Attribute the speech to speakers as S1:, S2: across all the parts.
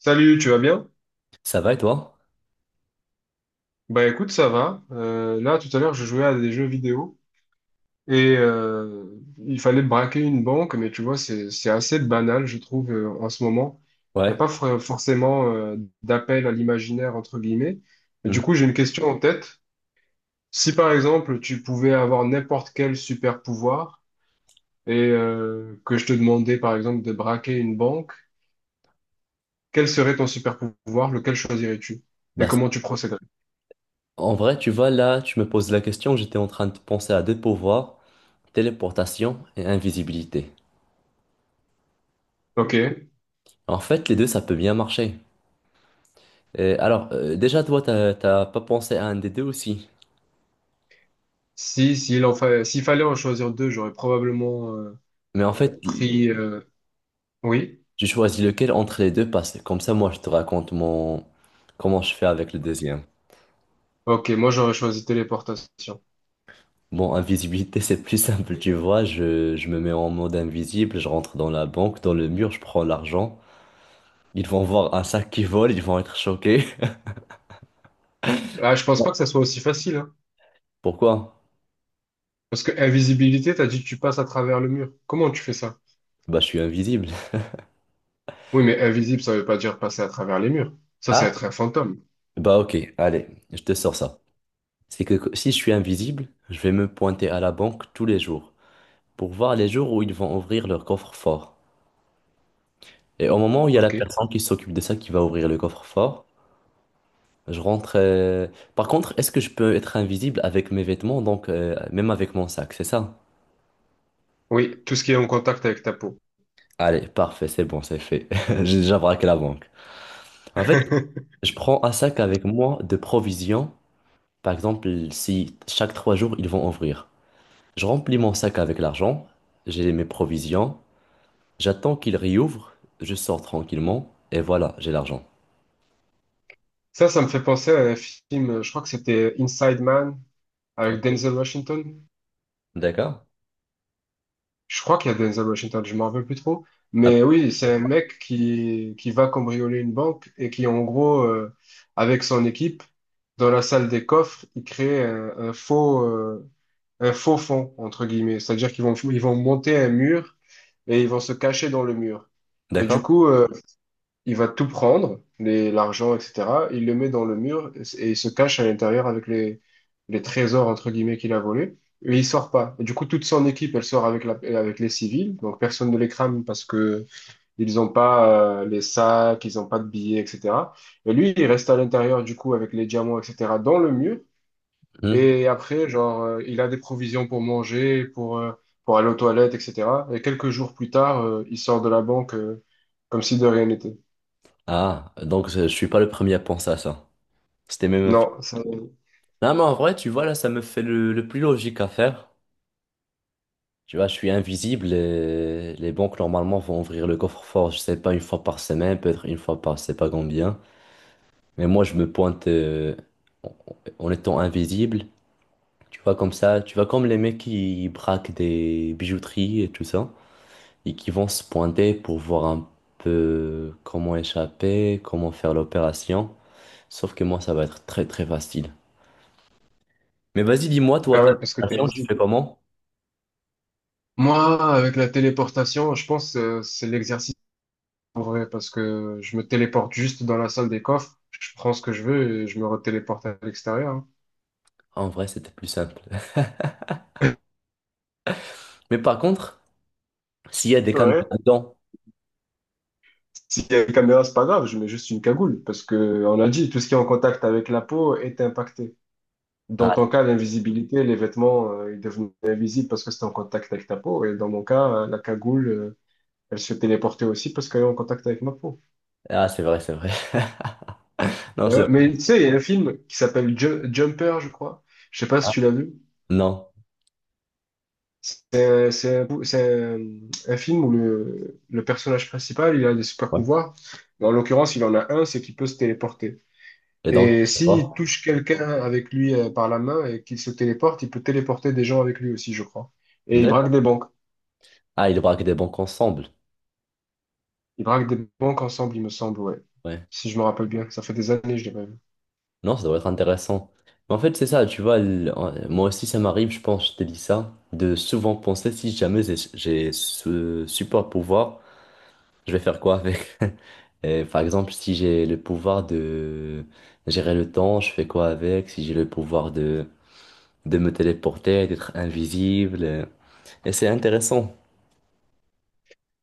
S1: Salut, tu vas bien?
S2: Ça va et toi?
S1: Bah écoute, ça va. Là, tout à l'heure, je jouais à des jeux vidéo et il fallait braquer une banque, mais tu vois, c'est assez banal, je trouve, en ce moment. Il n'y a
S2: Ouais.
S1: pas forcément d'appel à l'imaginaire, entre guillemets. Mais du
S2: Mhm.
S1: coup, j'ai une question en tête. Si par exemple, tu pouvais avoir n'importe quel super pouvoir et que je te demandais, par exemple, de braquer une banque, quel serait ton super pouvoir? Lequel choisirais-tu? Et
S2: Bah, c-
S1: comment tu procéderais?
S2: En vrai, tu vois, là, tu me poses la question, j'étais en train de penser à deux pouvoirs, téléportation et invisibilité.
S1: Ok.
S2: En fait, les deux, ça peut bien marcher. Et alors, déjà, toi, t'as pas pensé à un des deux aussi.
S1: Si, s'il fallait en choisir deux, j'aurais probablement
S2: Mais en fait,
S1: pris. Oui.
S2: j'ai choisis lequel entre les deux parce que comme ça, moi, je te raconte mon... comment je fais avec le deuxième.
S1: Ok, moi j'aurais choisi téléportation.
S2: Bon, invisibilité, c'est plus simple, tu vois. Je me mets en mode invisible, je rentre dans la banque, dans le mur, je prends l'argent. Ils vont voir un sac qui vole, ils vont être choqués.
S1: Ah, je pense pas que ça soit aussi facile, hein.
S2: Pourquoi?
S1: Parce que invisibilité, t'as dit que tu passes à travers le mur. Comment tu fais ça?
S2: Bah, je suis invisible.
S1: Oui, mais invisible, ça veut pas dire passer à travers les murs. Ça va
S2: Ah,
S1: être un fantôme.
S2: bah ok, allez, je te sors ça. C'est que si je suis invisible, je vais me pointer à la banque tous les jours pour voir les jours où ils vont ouvrir leur coffre-fort. Et au moment où il y a la
S1: Ok.
S2: personne qui s'occupe de ça qui va ouvrir le coffre-fort, je rentre. Par contre, est-ce que je peux être invisible avec mes vêtements, donc même avec mon sac, c'est ça?
S1: Oui, tout ce qui est en contact avec ta peau.
S2: Allez, parfait, c'est bon, c'est fait. J'ai déjà braqué la banque. En fait, je prends un sac avec moi de provisions. Par exemple, si chaque trois jours ils vont ouvrir. Je remplis mon sac avec l'argent, j'ai mes provisions, j'attends qu'il réouvre, je sors tranquillement et voilà, j'ai l'argent.
S1: Ça me fait penser à un film, je crois que c'était Inside Man avec
S2: Ok.
S1: Denzel Washington.
S2: D'accord?
S1: Je crois qu'il y a Denzel Washington, je m'en rappelle plus trop.
S2: Ah,
S1: Mais oui, c'est un mec qui va cambrioler une banque et qui, en gros, avec son équipe, dans la salle des coffres, il crée un faux fond, entre guillemets. C'est-à-dire qu'ils vont, ils vont monter un mur et ils vont se cacher dans le mur. Et du
S2: d'accord?
S1: coup, il va tout prendre, l'argent, etc. Il le met dans le mur et il se cache à l'intérieur avec les trésors, entre guillemets, qu'il a volés. Et il sort pas. Et du coup, toute son équipe, elle sort avec la, avec les civils. Donc, personne ne les crame parce que ils n'ont pas les sacs, ils n'ont pas de billets, etc. Et lui, il reste à l'intérieur, du coup, avec les diamants, etc., dans le mur.
S2: Hmm.
S1: Et après, genre, il a des provisions pour manger, pour aller aux toilettes, etc. Et quelques jours plus tard, il sort de la banque comme si de rien n'était.
S2: Ah, donc je suis pas le premier à penser à ça. C'était même un film.
S1: Non, ça,
S2: Non, mais en vrai, tu vois, là, ça me fait le plus logique à faire. Tu vois, je suis invisible et les banques, normalement, vont ouvrir le coffre-fort, je sais pas, une fois par semaine, peut-être une fois par, je sais pas combien. Mais moi, je me pointe en en étant invisible. Tu vois comme ça, tu vois comme les mecs qui braquent des bijouteries et tout ça, et qui vont se pointer pour voir un peu comment échapper, comment faire l'opération. Sauf que moi, ça va être très très facile. Mais vas-y, dis-moi,
S1: bah
S2: toi,
S1: ouais,
S2: tes
S1: parce que t'es
S2: opérations, tu fais
S1: visible.
S2: comment?
S1: Moi, avec la téléportation, je pense que c'est l'exercice en vrai, parce que je me téléporte juste dans la salle des coffres, je prends ce que je veux et je me retéléporte à l'extérieur.
S2: En vrai, c'était plus simple.
S1: Hein.
S2: Mais par contre, s'il y a des caméras
S1: Ouais.
S2: dedans.
S1: S'il y a une caméra, c'est pas grave, je mets juste une cagoule, parce que on a dit, tout ce qui est en contact avec la peau est impacté. Dans
S2: Ah,
S1: ton cas, l'invisibilité, les vêtements, ils devenaient invisibles parce que c'était en contact avec ta peau, et dans mon cas, la cagoule, elle se téléportait aussi parce qu'elle est en contact avec ma peau.
S2: ah, c'est vrai, c'est vrai. Non,
S1: Mais
S2: c'est
S1: ouais,
S2: vrai.
S1: mais tu sais, il y a un film qui s'appelle Jumper, je crois. Je sais pas si
S2: Ah,
S1: tu l'as vu.
S2: non.
S1: C'est un, un film où le personnage principal, il a des super
S2: Ouais.
S1: pouvoirs. Mais en l'occurrence, il en a un, c'est qu'il peut se téléporter.
S2: Et donc,
S1: Et
S2: c'est
S1: s'il
S2: quoi.
S1: touche quelqu'un avec lui par la main et qu'il se téléporte, il peut téléporter des gens avec lui aussi, je crois. Et il braque
S2: D'accord.
S1: des banques.
S2: Ah, ils braquent des banques ensemble.
S1: Il braque des banques ensemble, il me semble, ouais.
S2: Ouais.
S1: Si je me rappelle bien. Ça fait des années, je l'ai pas vu.
S2: Non, ça doit être intéressant. Mais en fait, c'est ça, tu vois, moi aussi, ça m'arrive, je pense, je t'ai dit ça, de souvent penser si jamais j'ai ce super pouvoir, je vais faire quoi avec? Et par exemple, si j'ai le pouvoir de gérer le temps, je fais quoi avec? Si j'ai le pouvoir de me téléporter, d'être invisible. Et c'est intéressant.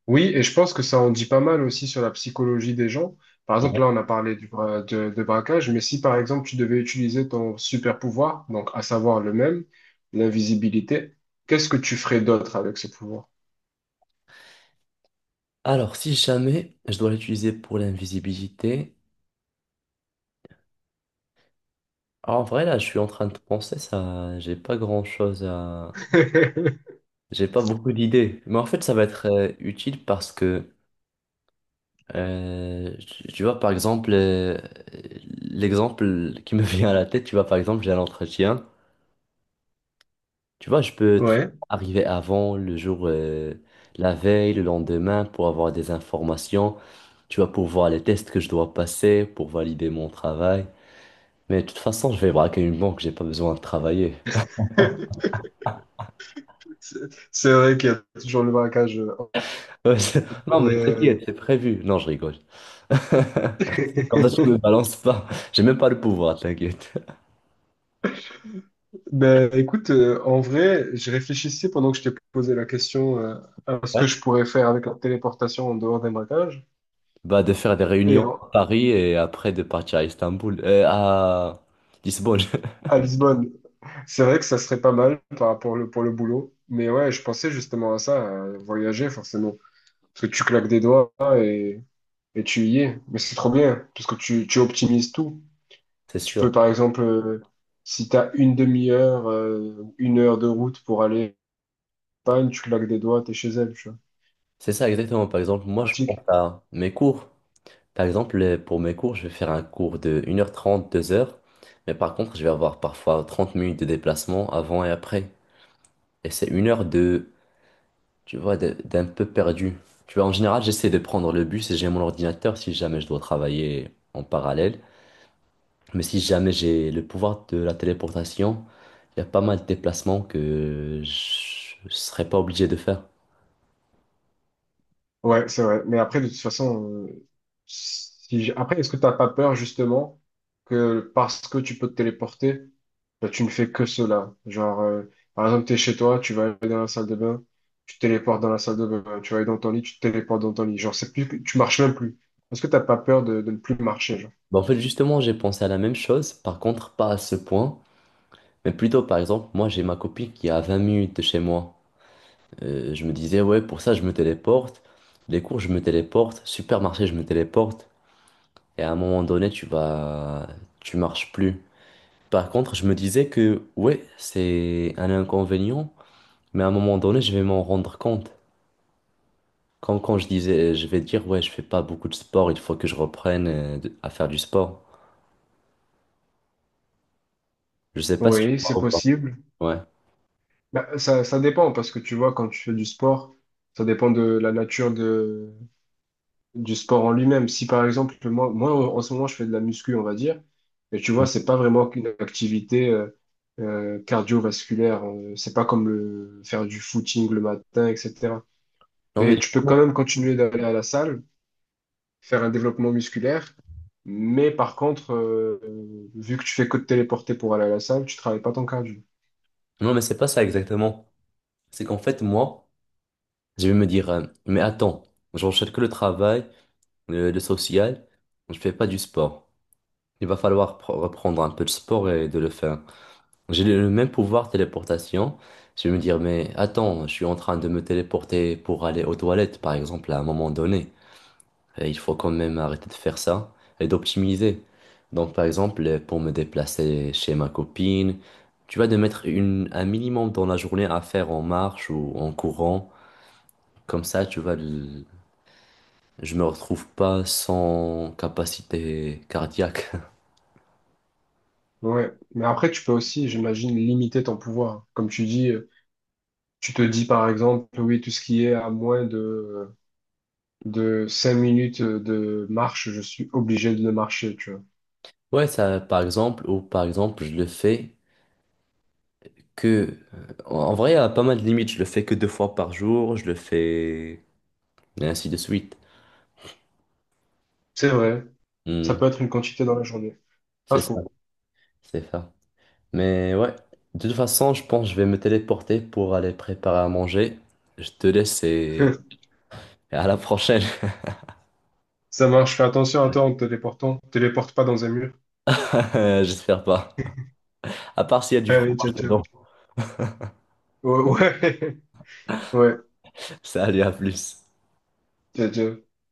S1: Oui, et je pense que ça en dit pas mal aussi sur la psychologie des gens. Par exemple,
S2: Ouais.
S1: là, on a parlé de braquage, mais si par exemple tu devais utiliser ton super pouvoir, donc à savoir le même, l'invisibilité, qu'est-ce que tu ferais d'autre avec ce pouvoir?
S2: Alors, si jamais je dois l'utiliser pour l'invisibilité, en vrai, là, je suis en train de penser ça, j'ai pas grand-chose. J'ai pas beaucoup d'idées, mais en fait, ça va être utile parce que, tu vois, par exemple, l'exemple qui me vient à la tête, tu vois, par exemple, j'ai un entretien, tu vois, je peux très bien
S1: Ouais,
S2: arriver avant, le jour, la veille, le lendemain, pour avoir des informations, tu vois, pour voir les tests que je dois passer, pour valider mon travail. Mais de toute façon, je vais braquer une banque, j'ai pas besoin de travailler.
S1: c'est c'est vrai qu'il y a toujours le braquage.
S2: Ouais, non, mais t'inquiète, c'est prévu. Non, je rigole. Comme ça, tu me balances pas. J'ai même pas le pouvoir, t'inquiète.
S1: Ben, écoute, en vrai, je réfléchissais pendant que je t'ai posé la question à ce
S2: Ouais.
S1: que je pourrais faire avec la téléportation en dehors des braquages.
S2: Bah, de faire des
S1: Et
S2: réunions
S1: en-
S2: à Paris et après de partir à Istanbul, à Lisbonne.
S1: à Lisbonne, c'est vrai que ça serait pas mal par rapport le, pour le boulot. Mais ouais, je pensais justement à ça, à voyager forcément. Parce que tu claques des doigts et, et tu y es. Mais c'est trop bien, parce que tu optimises tout.
S2: C'est
S1: Tu peux
S2: sûr.
S1: par exemple, si tu as une demi-heure, une heure de route pour aller en Espagne, tu claques des doigts, t'es chez elle, tu vois.
S2: C'est ça exactement. Par exemple, moi, je pense
S1: Pratique.
S2: à mes cours. Par exemple, pour mes cours, je vais faire un cours de 1h30 2h. Mais par contre, je vais avoir parfois 30 minutes de déplacement avant et après. Et c'est 1 heure tu vois, d'un peu perdu. Tu vois, en général, j'essaie de prendre le bus et j'ai mon ordinateur si jamais je dois travailler en parallèle. Mais si jamais j'ai le pouvoir de la téléportation, il y a pas mal de déplacements que je ne serais pas obligé de faire.
S1: Ouais, c'est vrai. Mais après, de toute façon, si, après, est-ce que t'as pas peur justement que parce que tu peux te téléporter, là, tu ne fais que cela. Genre, par exemple, tu es chez toi, tu vas aller dans la salle de bain, tu te téléportes dans la salle de bain, tu vas aller dans ton lit, tu te téléportes dans ton lit. Genre, c'est plus, tu marches même plus. Est-ce que t'as pas peur de ne plus marcher, genre?
S2: Bah, en fait, justement, j'ai pensé à la même chose, par contre, pas à ce point, mais plutôt, par exemple, moi, j'ai ma copine qui est à 20 minutes de chez moi. Je me disais, ouais, pour ça, je me téléporte, les cours, je me téléporte, supermarché, je me téléporte, et à un moment donné, tu vas... tu marches plus. Par contre, je me disais que, ouais, c'est un inconvénient, mais à un moment donné, je vais m'en rendre compte. Quand je disais, je vais dire, ouais, je fais pas beaucoup de sport, il faut que je reprenne à faire du sport. Je sais pas si tu
S1: Oui, c'est
S2: vois ou pas.
S1: possible.
S2: Ouais.
S1: Bah, ça dépend, parce que tu vois, quand tu fais du sport, ça dépend de la nature de, du sport en lui-même. Si par exemple, moi, moi, en ce moment, je fais de la muscu, on va dire, mais tu vois, c'est pas vraiment qu'une activité cardiovasculaire. C'est pas comme le, faire du footing le matin, etc.
S2: Non, mais,
S1: Et tu peux quand même continuer d'aller à la salle, faire un développement musculaire, mais par contre, vu que tu fais que te téléporter pour aller à la salle, tu travailles pas ton cardio.
S2: non, mais c'est pas ça exactement. C'est qu'en fait, moi, je vais me dire, mais attends, j'enchaîne que le travail, le social, je fais pas du sport. Il va falloir reprendre un peu de sport et de le faire. J'ai le même pouvoir téléportation. Je vais me dire, mais attends, je suis en train de me téléporter pour aller aux toilettes, par exemple, à un moment donné. Et il faut quand même arrêter de faire ça et d'optimiser. Donc, par exemple, pour me déplacer chez ma copine, tu vas de mettre un minimum dans la journée à faire en marche ou en courant. Comme ça, tu vas, je me retrouve pas sans capacité cardiaque.
S1: Ouais. Mais après, tu peux aussi, j'imagine, limiter ton pouvoir. Comme tu dis, tu te dis par exemple, oui, tout ce qui est à moins de 5 minutes de marche, je suis obligé de le marcher, tu vois.
S2: Ouais, ça, par exemple, ou par exemple, je le fais que, en vrai, il y a pas mal de limites. Je le fais que deux fois par jour, je le fais, et ainsi de suite.
S1: C'est vrai, ça
S2: Hmm,
S1: peut être une quantité dans la journée. Pas
S2: c'est ça,
S1: faux.
S2: c'est ça. Mais ouais, de toute façon, je pense que je vais me téléporter pour aller préparer à manger. Je te laisse et à la prochaine.
S1: Ça marche, fais attention à toi en te téléportant. Téléporte pas dans un mur.
S2: J'espère pas. À part s'il y a du
S1: Allez, ciao,
S2: fromage
S1: ciao.
S2: dedans.
S1: Ouais. Ouais.
S2: Salut, à plus.
S1: Tchau, tchau.